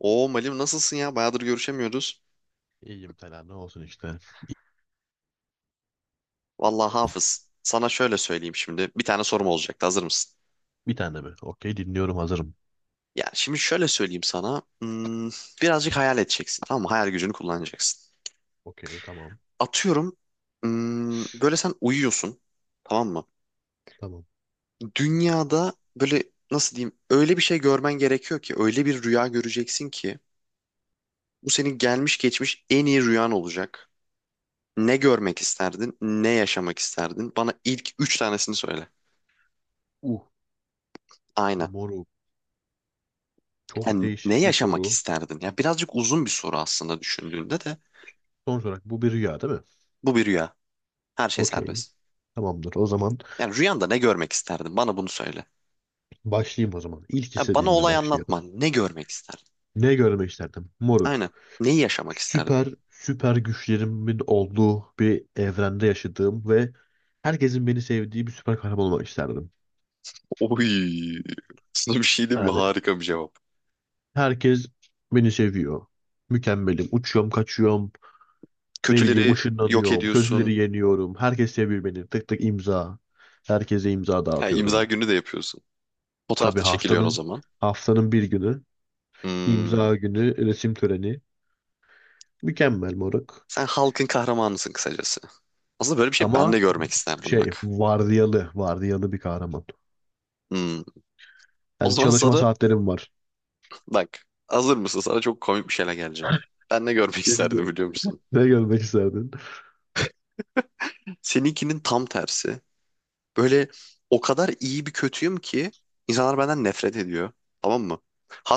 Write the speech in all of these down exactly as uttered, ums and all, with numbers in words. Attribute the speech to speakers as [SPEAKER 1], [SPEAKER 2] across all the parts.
[SPEAKER 1] Oo Malim nasılsın ya? Bayağıdır görüşemiyoruz.
[SPEAKER 2] İyiyim Tela ne olsun işte.
[SPEAKER 1] Vallahi Hafız, sana şöyle söyleyeyim şimdi. Bir tane sorum olacaktı. Hazır mısın?
[SPEAKER 2] Bir tane mi? Okey dinliyorum hazırım.
[SPEAKER 1] Ya şimdi şöyle söyleyeyim sana. Hmm, birazcık hayal edeceksin. Tamam mı? Hayal gücünü kullanacaksın.
[SPEAKER 2] Okey tamam.
[SPEAKER 1] Atıyorum. Hmm, böyle sen uyuyorsun. Tamam mı?
[SPEAKER 2] Tamam.
[SPEAKER 1] Dünyada böyle nasıl diyeyim? Öyle bir şey görmen gerekiyor ki. Öyle bir rüya göreceksin ki. Bu senin gelmiş geçmiş en iyi rüyan olacak. Ne görmek isterdin? Ne yaşamak isterdin? Bana ilk üç tanesini söyle.
[SPEAKER 2] Uh
[SPEAKER 1] Aynen.
[SPEAKER 2] moru Çok
[SPEAKER 1] Yani ne
[SPEAKER 2] değişik bir
[SPEAKER 1] yaşamak
[SPEAKER 2] soru.
[SPEAKER 1] isterdin? Ya birazcık uzun bir soru aslında düşündüğünde de
[SPEAKER 2] Sonuç olarak bu bir rüya değil mi?
[SPEAKER 1] bu bir rüya. Her şey
[SPEAKER 2] Okey.
[SPEAKER 1] serbest.
[SPEAKER 2] Tamamdır. O zaman
[SPEAKER 1] Yani rüyanda ne görmek isterdin? Bana bunu söyle.
[SPEAKER 2] başlayayım o zaman. İlk
[SPEAKER 1] Ya bana
[SPEAKER 2] istediğimle
[SPEAKER 1] olay
[SPEAKER 2] başlıyorum.
[SPEAKER 1] anlatma. Ne görmek isterdin?
[SPEAKER 2] Ne görmek isterdim? Moruk.
[SPEAKER 1] Aynen. Neyi yaşamak isterdin?
[SPEAKER 2] Süper süper güçlerimin olduğu bir evrende yaşadığım ve herkesin beni sevdiği bir süper kahraman olmak isterdim.
[SPEAKER 1] Oy. Sana bir şey diyeyim mi?
[SPEAKER 2] Yani
[SPEAKER 1] Harika bir cevap.
[SPEAKER 2] herkes beni seviyor. Mükemmelim. Uçuyorum, kaçıyorum. Ne bileyim
[SPEAKER 1] Kötüleri yok
[SPEAKER 2] ışınlanıyorum.
[SPEAKER 1] ediyorsun.
[SPEAKER 2] Kötüleri yeniyorum. Herkes seviyor beni. Tık tık imza. Herkese imza
[SPEAKER 1] Ha, imza
[SPEAKER 2] dağıtıyorum.
[SPEAKER 1] günü de yapıyorsun. Fotoğraf
[SPEAKER 2] Tabii
[SPEAKER 1] da çekiliyorsun o
[SPEAKER 2] haftanın
[SPEAKER 1] zaman.
[SPEAKER 2] haftanın bir günü
[SPEAKER 1] Hmm.
[SPEAKER 2] imza günü resim töreni. Mükemmel moruk.
[SPEAKER 1] Sen halkın kahramanısın kısacası. Aslında böyle bir şey ben
[SPEAKER 2] Ama
[SPEAKER 1] de görmek isterdim
[SPEAKER 2] şey
[SPEAKER 1] bak.
[SPEAKER 2] vardiyalı vardiyalı bir kahraman.
[SPEAKER 1] Hmm. O
[SPEAKER 2] Yani
[SPEAKER 1] zaman
[SPEAKER 2] çalışma
[SPEAKER 1] sana
[SPEAKER 2] saatlerim var.
[SPEAKER 1] bak, hazır mısın? Sana çok komik bir şeyle geleceğim. Ben ne görmek
[SPEAKER 2] Beni de-
[SPEAKER 1] isterdim biliyor musun?
[SPEAKER 2] Ne görmek isterdin?
[SPEAKER 1] Seninkinin tam tersi. Böyle o kadar iyi bir kötüyüm ki insanlar benden nefret ediyor. Tamam mı?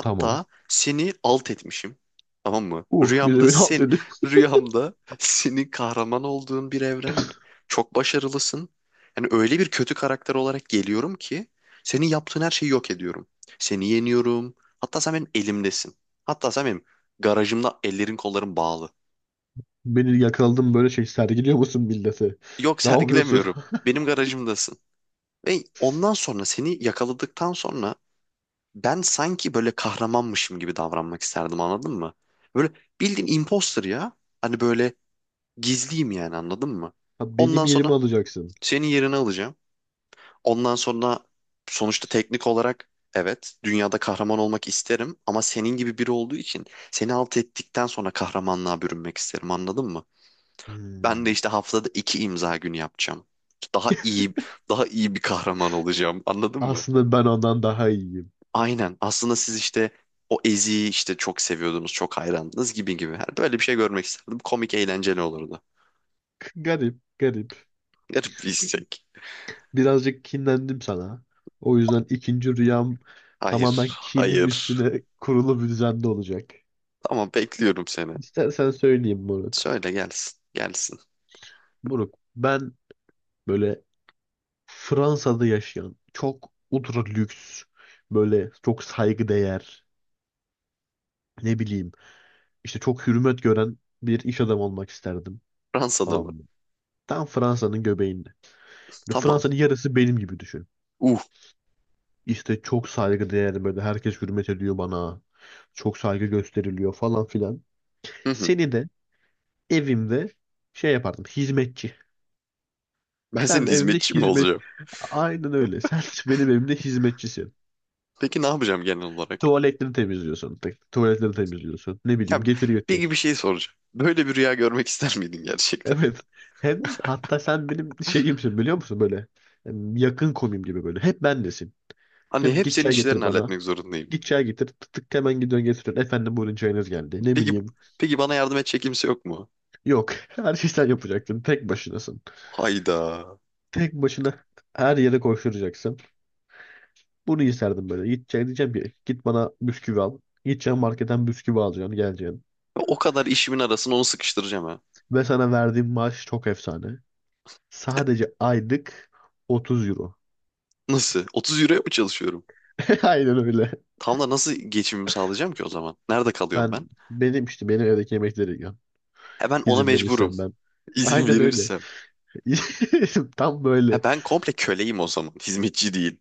[SPEAKER 2] Tamam.
[SPEAKER 1] seni alt etmişim. Tamam mı?
[SPEAKER 2] Uh bir de
[SPEAKER 1] Rüyamda
[SPEAKER 2] beni al
[SPEAKER 1] seni
[SPEAKER 2] dedi.
[SPEAKER 1] rüyamda senin kahraman olduğun bir evren. Çok başarılısın. Yani öyle bir kötü karakter olarak geliyorum ki senin yaptığın her şeyi yok ediyorum. Seni yeniyorum. Hatta sen benim elimdesin. Hatta sen benim garajımda ellerin kolların bağlı.
[SPEAKER 2] Beni yakaladım böyle şey sergiliyor musun millete?
[SPEAKER 1] Yok
[SPEAKER 2] Ne yapıyorsun?
[SPEAKER 1] sergilemiyorum. Benim garajımdasın. Ve ondan sonra seni yakaladıktan sonra ben sanki böyle kahramanmışım gibi davranmak isterdim, anladın mı? Böyle bildiğin imposter ya. Hani böyle gizliyim yani, anladın mı?
[SPEAKER 2] Ha, benim
[SPEAKER 1] Ondan
[SPEAKER 2] yerimi
[SPEAKER 1] sonra
[SPEAKER 2] alacaksın.
[SPEAKER 1] senin yerini alacağım. Ondan sonra sonuçta teknik olarak evet dünyada kahraman olmak isterim ama senin gibi biri olduğu için seni alt ettikten sonra kahramanlığa bürünmek isterim, anladın mı? Ben de
[SPEAKER 2] Hmm.
[SPEAKER 1] işte haftada iki imza günü yapacağım. Daha iyi Daha iyi bir kahraman olacağım, anladın mı?
[SPEAKER 2] Aslında ben ondan daha iyiyim.
[SPEAKER 1] Aynen. Aslında siz işte o Ezi'yi işte çok seviyordunuz, çok hayrandınız gibi gibi. Yani böyle bir şey görmek isterdim. Komik, eğlenceli olurdu.
[SPEAKER 2] Garip, garip.
[SPEAKER 1] Garip bir istek.
[SPEAKER 2] Birazcık kinlendim sana. O yüzden ikinci rüyam
[SPEAKER 1] Hayır,
[SPEAKER 2] tamamen kinim
[SPEAKER 1] hayır.
[SPEAKER 2] üstüne kurulu bir düzende olacak.
[SPEAKER 1] Tamam, bekliyorum seni.
[SPEAKER 2] İstersen söyleyeyim Moruk.
[SPEAKER 1] Söyle gelsin, gelsin.
[SPEAKER 2] Moruk, ben böyle Fransa'da yaşayan çok ultra lüks, böyle çok saygıdeğer, ne bileyim, işte çok hürmet gören bir iş adamı olmak isterdim.
[SPEAKER 1] Fransa'da
[SPEAKER 2] Tamam
[SPEAKER 1] mı?
[SPEAKER 2] mı? Tam Fransa'nın göbeğinde. Böyle
[SPEAKER 1] Tamam.
[SPEAKER 2] Fransa'nın yarısı benim gibi düşün.
[SPEAKER 1] Uh.
[SPEAKER 2] İşte çok saygıdeğer böyle herkes hürmet ediyor bana. Çok saygı gösteriliyor falan filan.
[SPEAKER 1] Hı hı.
[SPEAKER 2] Seni de evimde şey yapardım hizmetçi.
[SPEAKER 1] Ben senin
[SPEAKER 2] Sen de evimde
[SPEAKER 1] hizmetçim
[SPEAKER 2] hizmet.
[SPEAKER 1] olacağım.
[SPEAKER 2] Aynen öyle. Sen benim evimde hizmetçisin.
[SPEAKER 1] Peki ne yapacağım genel olarak?
[SPEAKER 2] Tuvaletleri temizliyorsun. Tek- Tuvaletleri temizliyorsun. Ne bileyim
[SPEAKER 1] Ya
[SPEAKER 2] getir
[SPEAKER 1] peki
[SPEAKER 2] götür.
[SPEAKER 1] bir şey soracağım. Böyle bir rüya görmek ister miydin gerçekten?
[SPEAKER 2] Evet. Hem hatta sen benim şeyimsin biliyor musun böyle. Em, Yakın komim gibi böyle. Hep bendesin.
[SPEAKER 1] Hani
[SPEAKER 2] Diyorum ki,
[SPEAKER 1] hep
[SPEAKER 2] git
[SPEAKER 1] senin
[SPEAKER 2] çay getir
[SPEAKER 1] işlerini
[SPEAKER 2] bana.
[SPEAKER 1] halletmek zorundayım.
[SPEAKER 2] Git çay getir. Tık tık hemen gidiyorsun getiriyorsun. Efendim buyurun çayınız geldi. Ne
[SPEAKER 1] Peki,
[SPEAKER 2] bileyim.
[SPEAKER 1] peki bana yardım edecek kimse yok mu?
[SPEAKER 2] Yok. Her şeyi sen yapacaktın. Tek başınasın.
[SPEAKER 1] Hayda.
[SPEAKER 2] Tek başına her yere koşturacaksın. Bunu isterdim böyle. Gideceğim diyeceğim ki git bana bisküvi al. Gideceğim marketten bisküvi alacaksın. Geleceksin.
[SPEAKER 1] O kadar işimin arasına onu sıkıştıracağım ha.
[SPEAKER 2] Ve sana verdiğim maaş çok efsane. Sadece aylık otuz euro.
[SPEAKER 1] Nasıl? otuz euroya mı çalışıyorum?
[SPEAKER 2] Aynen öyle.
[SPEAKER 1] Tam da nasıl geçimimi sağlayacağım ki o zaman? Nerede kalıyorum
[SPEAKER 2] Ben
[SPEAKER 1] ben?
[SPEAKER 2] Benim işte benim evdeki yemekleri yiyorum.
[SPEAKER 1] Ha ben ona
[SPEAKER 2] İzin
[SPEAKER 1] mecburum.
[SPEAKER 2] verirsen ben.
[SPEAKER 1] İzin
[SPEAKER 2] Aynen öyle.
[SPEAKER 1] verirsem.
[SPEAKER 2] Tam
[SPEAKER 1] Ha
[SPEAKER 2] böyle.
[SPEAKER 1] ben komple köleyim o zaman. Hizmetçi değil.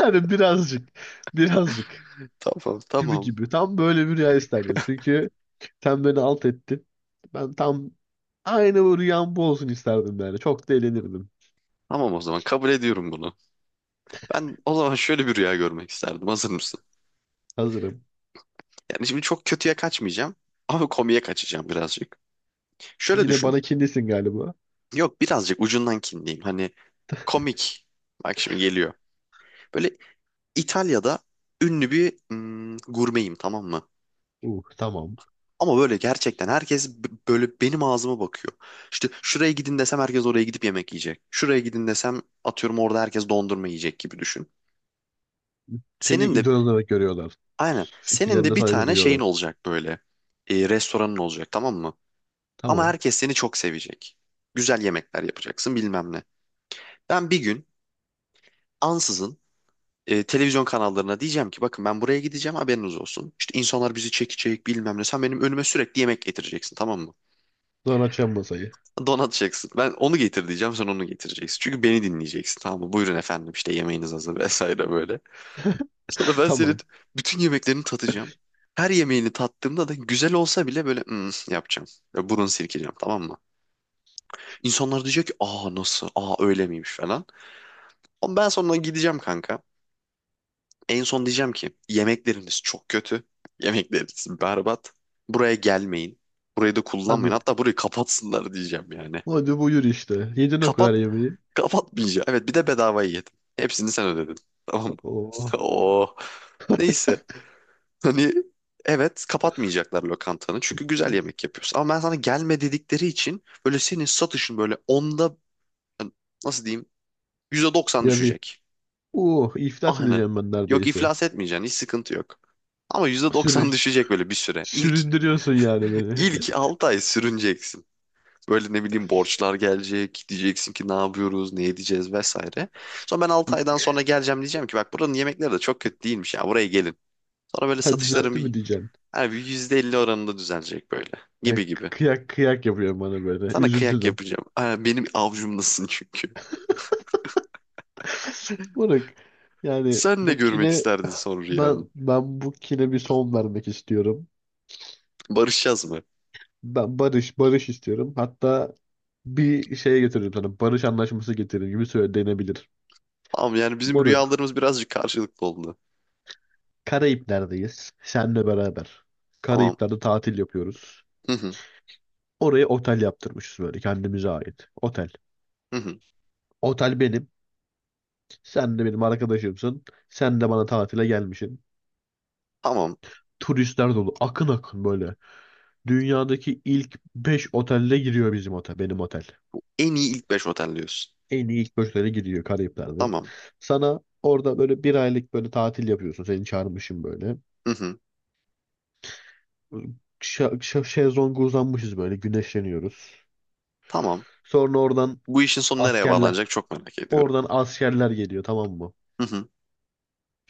[SPEAKER 2] Yani birazcık. Birazcık.
[SPEAKER 1] Tamam
[SPEAKER 2] Gibi
[SPEAKER 1] tamam.
[SPEAKER 2] gibi. Tam böyle bir rüya isterdim. Çünkü sen beni alt ettin. Ben tam aynı bu rüyam bu olsun isterdim yani. Çok da eğlenirdim.
[SPEAKER 1] Tamam o zaman kabul ediyorum bunu. Ben o zaman şöyle bir rüya görmek isterdim. Hazır mısın?
[SPEAKER 2] Hazırım.
[SPEAKER 1] Yani şimdi çok kötüye kaçmayacağım. Ama komiye kaçacağım birazcık. Şöyle
[SPEAKER 2] Yine
[SPEAKER 1] düşün.
[SPEAKER 2] bana kinlisin galiba.
[SPEAKER 1] Yok birazcık ucundan kinliyim. Hani komik. Bak şimdi geliyor. Böyle İtalya'da ünlü bir hmm, gurmeyim, tamam mı?
[SPEAKER 2] Uh, tamam.
[SPEAKER 1] Ama böyle gerçekten herkes b- böyle benim ağzıma bakıyor. İşte şuraya gidin desem herkes oraya gidip yemek yiyecek. Şuraya gidin desem atıyorum orada herkes dondurma yiyecek gibi düşün.
[SPEAKER 2] Seni
[SPEAKER 1] Senin de
[SPEAKER 2] idol olarak görüyorlar.
[SPEAKER 1] aynen senin de
[SPEAKER 2] Fikirlerine
[SPEAKER 1] bir
[SPEAKER 2] saygı
[SPEAKER 1] tane şeyin
[SPEAKER 2] duyuyorlar.
[SPEAKER 1] olacak böyle. E, restoranın olacak, tamam mı? Ama
[SPEAKER 2] Tamam.
[SPEAKER 1] herkes seni çok sevecek. Güzel yemekler yapacaksın, bilmem ne. Ben bir gün ansızın e, televizyon kanallarına diyeceğim ki bakın ben buraya gideceğim haberiniz olsun. İşte insanlar bizi çekecek, bilmem ne. Sen benim önüme sürekli yemek getireceksin, tamam mı?
[SPEAKER 2] Sonra açacağım masayı.
[SPEAKER 1] Donat donatacaksın. Ben onu getir diyeceğim sen onu getireceksin. Çünkü beni dinleyeceksin, tamam mı? Buyurun efendim işte yemeğiniz hazır vesaire böyle. Sonra ben senin
[SPEAKER 2] Tamam.
[SPEAKER 1] bütün yemeklerini tatacağım. Her yemeğini tattığımda da güzel olsa bile böyle "Hmm," yapacağım. Böyle burun silkeceğim, tamam mı? İnsanlar diyecek ki aa nasıl, aa öyle miymiş falan. Ama ben sonra gideceğim kanka. En son diyeceğim ki yemekleriniz çok kötü. Yemekleriniz berbat. Buraya gelmeyin. Burayı da kullanmayın.
[SPEAKER 2] Hadi.
[SPEAKER 1] Hatta burayı kapatsınlar diyeceğim yani.
[SPEAKER 2] Hadi buyur işte. Yedin o kadar
[SPEAKER 1] Kapat.
[SPEAKER 2] yemeği.
[SPEAKER 1] Kapatmayacağım. Evet bir de bedavayı yedim. Hepsini sen ödedin. Tamam mı?
[SPEAKER 2] Oh.
[SPEAKER 1] Oo. Neyse. Hani evet kapatmayacaklar lokantanı. Çünkü güzel yemek yapıyorsun. Ama ben sana gelme dedikleri için böyle senin satışın böyle onda yani nasıl diyeyim yüzde doksan
[SPEAKER 2] Yarı.
[SPEAKER 1] düşecek.
[SPEAKER 2] Oh, iflas
[SPEAKER 1] Aynen.
[SPEAKER 2] edeceğim ben
[SPEAKER 1] Yok
[SPEAKER 2] neredeyse.
[SPEAKER 1] iflas etmeyeceksin. Hiç sıkıntı yok. Ama yüzde
[SPEAKER 2] Sürün,
[SPEAKER 1] doksan düşecek böyle bir süre. İlk
[SPEAKER 2] Süründürüyorsun yani beni.
[SPEAKER 1] ilk altı ay sürüneceksin. Böyle ne bileyim borçlar gelecek. Diyeceksin ki ne yapıyoruz, ne edeceğiz vesaire. Sonra ben altı aydan sonra geleceğim diyeceğim ki bak buranın yemekleri de çok kötü değilmiş ya, buraya gelin. Sonra böyle
[SPEAKER 2] Ha,
[SPEAKER 1] satışların
[SPEAKER 2] düzeltti mi
[SPEAKER 1] bir,
[SPEAKER 2] diyeceksin?
[SPEAKER 1] yani bir yüzde elli oranında düzelecek böyle
[SPEAKER 2] Ha,
[SPEAKER 1] gibi gibi.
[SPEAKER 2] kıyak kıyak yapıyor bana böyle.
[SPEAKER 1] Sana kıyak
[SPEAKER 2] Üzüldüm.
[SPEAKER 1] yapacağım. Ha, benim avcumdasın çünkü.
[SPEAKER 2] Moruk, yani
[SPEAKER 1] Sen de
[SPEAKER 2] bu
[SPEAKER 1] görmek
[SPEAKER 2] kine
[SPEAKER 1] isterdin son rüyanı.
[SPEAKER 2] ben ben bu kine bir son vermek istiyorum.
[SPEAKER 1] Barışacağız mı?
[SPEAKER 2] Ben barış barış istiyorum. Hatta bir şeye getiririm sana. Barış anlaşması getiririm gibi söyle denebilir.
[SPEAKER 1] Tamam yani bizim
[SPEAKER 2] Moruk
[SPEAKER 1] rüyalarımız birazcık karşılıklı oldu.
[SPEAKER 2] Karayipler'deyiz. Senle beraber.
[SPEAKER 1] Tamam.
[SPEAKER 2] Karayipler'de tatil yapıyoruz.
[SPEAKER 1] Hı hı.
[SPEAKER 2] Oraya otel yaptırmışız böyle kendimize ait. Otel.
[SPEAKER 1] Hı hı.
[SPEAKER 2] Otel benim. Sen de benim arkadaşımsın. Sen de bana tatile gelmişsin.
[SPEAKER 1] Tamam.
[SPEAKER 2] Turistler dolu. Akın akın böyle. Dünyadaki ilk beş otelde giriyor bizim otel, benim otel.
[SPEAKER 1] En iyi ilk beş otel diyorsun.
[SPEAKER 2] En iyi ilk beş otele giriyor Karayipler'de.
[SPEAKER 1] Tamam.
[SPEAKER 2] Sana orada böyle bir aylık böyle tatil yapıyorsun. Seni çağırmışım böyle.
[SPEAKER 1] Hı hı.
[SPEAKER 2] Ş- ş- şezlonga uzanmışız böyle güneşleniyoruz.
[SPEAKER 1] Tamam.
[SPEAKER 2] Sonra oradan
[SPEAKER 1] Bu işin sonu nereye
[SPEAKER 2] askerler,
[SPEAKER 1] bağlanacak çok merak ediyorum.
[SPEAKER 2] oradan askerler geliyor tamam mı?
[SPEAKER 1] Hı hı.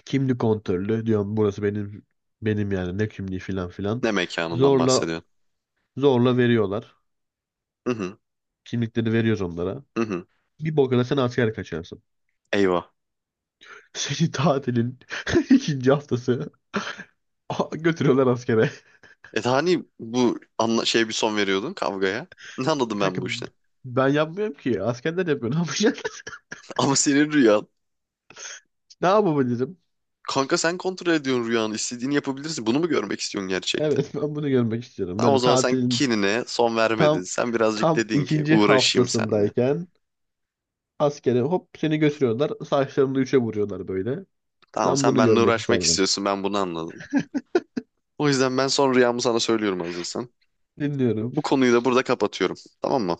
[SPEAKER 2] Kimlik kontrolü diyorum burası benim benim yani ne kimliği filan filan.
[SPEAKER 1] Ne mekanından
[SPEAKER 2] Zorla
[SPEAKER 1] bahsediyorsun?
[SPEAKER 2] zorla veriyorlar.
[SPEAKER 1] Hı hı.
[SPEAKER 2] Kimlikleri veriyoruz onlara.
[SPEAKER 1] Hı hı.
[SPEAKER 2] Bir bok sen asker kaçarsın.
[SPEAKER 1] Eyvah.
[SPEAKER 2] Seni tatilin ikinci haftası a- götürüyorlar askere.
[SPEAKER 1] E hani bu anla şey bir son veriyordun kavgaya. Ne
[SPEAKER 2] E,
[SPEAKER 1] anladım ben
[SPEAKER 2] Kanka
[SPEAKER 1] bu işten?
[SPEAKER 2] ben yapmıyorum ki. Askerler yapıyor. Ne yapacak?
[SPEAKER 1] Ama senin rüyan.
[SPEAKER 2] Ne yapabilirim?
[SPEAKER 1] Kanka sen kontrol ediyorsun rüyanı. İstediğini yapabilirsin. Bunu mu görmek istiyorsun gerçekten?
[SPEAKER 2] Evet ben bunu görmek istiyorum.
[SPEAKER 1] Tamam o
[SPEAKER 2] Böyle
[SPEAKER 1] zaman sen
[SPEAKER 2] tatilin
[SPEAKER 1] kinine son vermedin.
[SPEAKER 2] tam
[SPEAKER 1] Sen birazcık
[SPEAKER 2] tam
[SPEAKER 1] dedin ki
[SPEAKER 2] ikinci
[SPEAKER 1] uğraşayım seninle.
[SPEAKER 2] haftasındayken askere hop seni götürüyorlar. Saçlarını üçe vuruyorlar böyle.
[SPEAKER 1] Tamam
[SPEAKER 2] Ben
[SPEAKER 1] sen
[SPEAKER 2] bunu
[SPEAKER 1] benimle
[SPEAKER 2] görmek
[SPEAKER 1] uğraşmak
[SPEAKER 2] isterdim.
[SPEAKER 1] istiyorsun. Ben bunu anladım. O yüzden ben son rüyamı sana söylüyorum hazırsan.
[SPEAKER 2] Dinliyorum.
[SPEAKER 1] Bu konuyu da burada kapatıyorum. Tamam mı?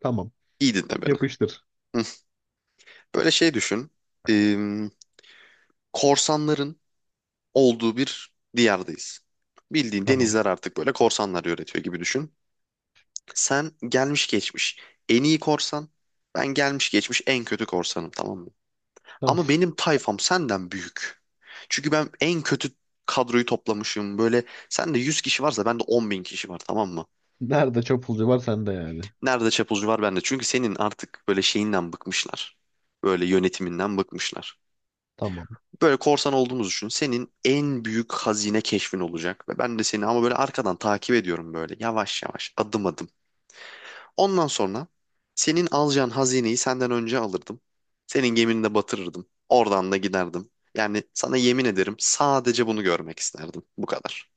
[SPEAKER 2] Tamam.
[SPEAKER 1] İyi dinle beni.
[SPEAKER 2] Yapıştır.
[SPEAKER 1] Hı. Böyle şey düşün. Ee, Korsanların olduğu bir diyardayız. Bildiğin
[SPEAKER 2] Tamam.
[SPEAKER 1] denizler artık böyle korsanlar yönetiyor gibi düşün. Sen gelmiş geçmiş en iyi korsan, ben gelmiş geçmiş en kötü korsanım, tamam mı?
[SPEAKER 2] Tamam.
[SPEAKER 1] Ama benim tayfam senden büyük. Çünkü ben en kötü kadroyu toplamışım. Böyle sende yüz kişi varsa bende on bin kişi var, tamam mı?
[SPEAKER 2] Nerede çapulcu var sende yani.
[SPEAKER 1] Nerede çapulcu var bende. Çünkü senin artık böyle şeyinden bıkmışlar. Böyle yönetiminden bıkmışlar.
[SPEAKER 2] Tamam.
[SPEAKER 1] Böyle korsan olduğumuzu düşün. Senin en büyük hazine keşfin olacak. Ve ben de seni ama böyle arkadan takip ediyorum böyle yavaş yavaş adım adım. Ondan sonra senin alacağın hazineyi senden önce alırdım. Senin gemini de batırırdım. Oradan da giderdim. Yani sana yemin ederim sadece bunu görmek isterdim. Bu kadar.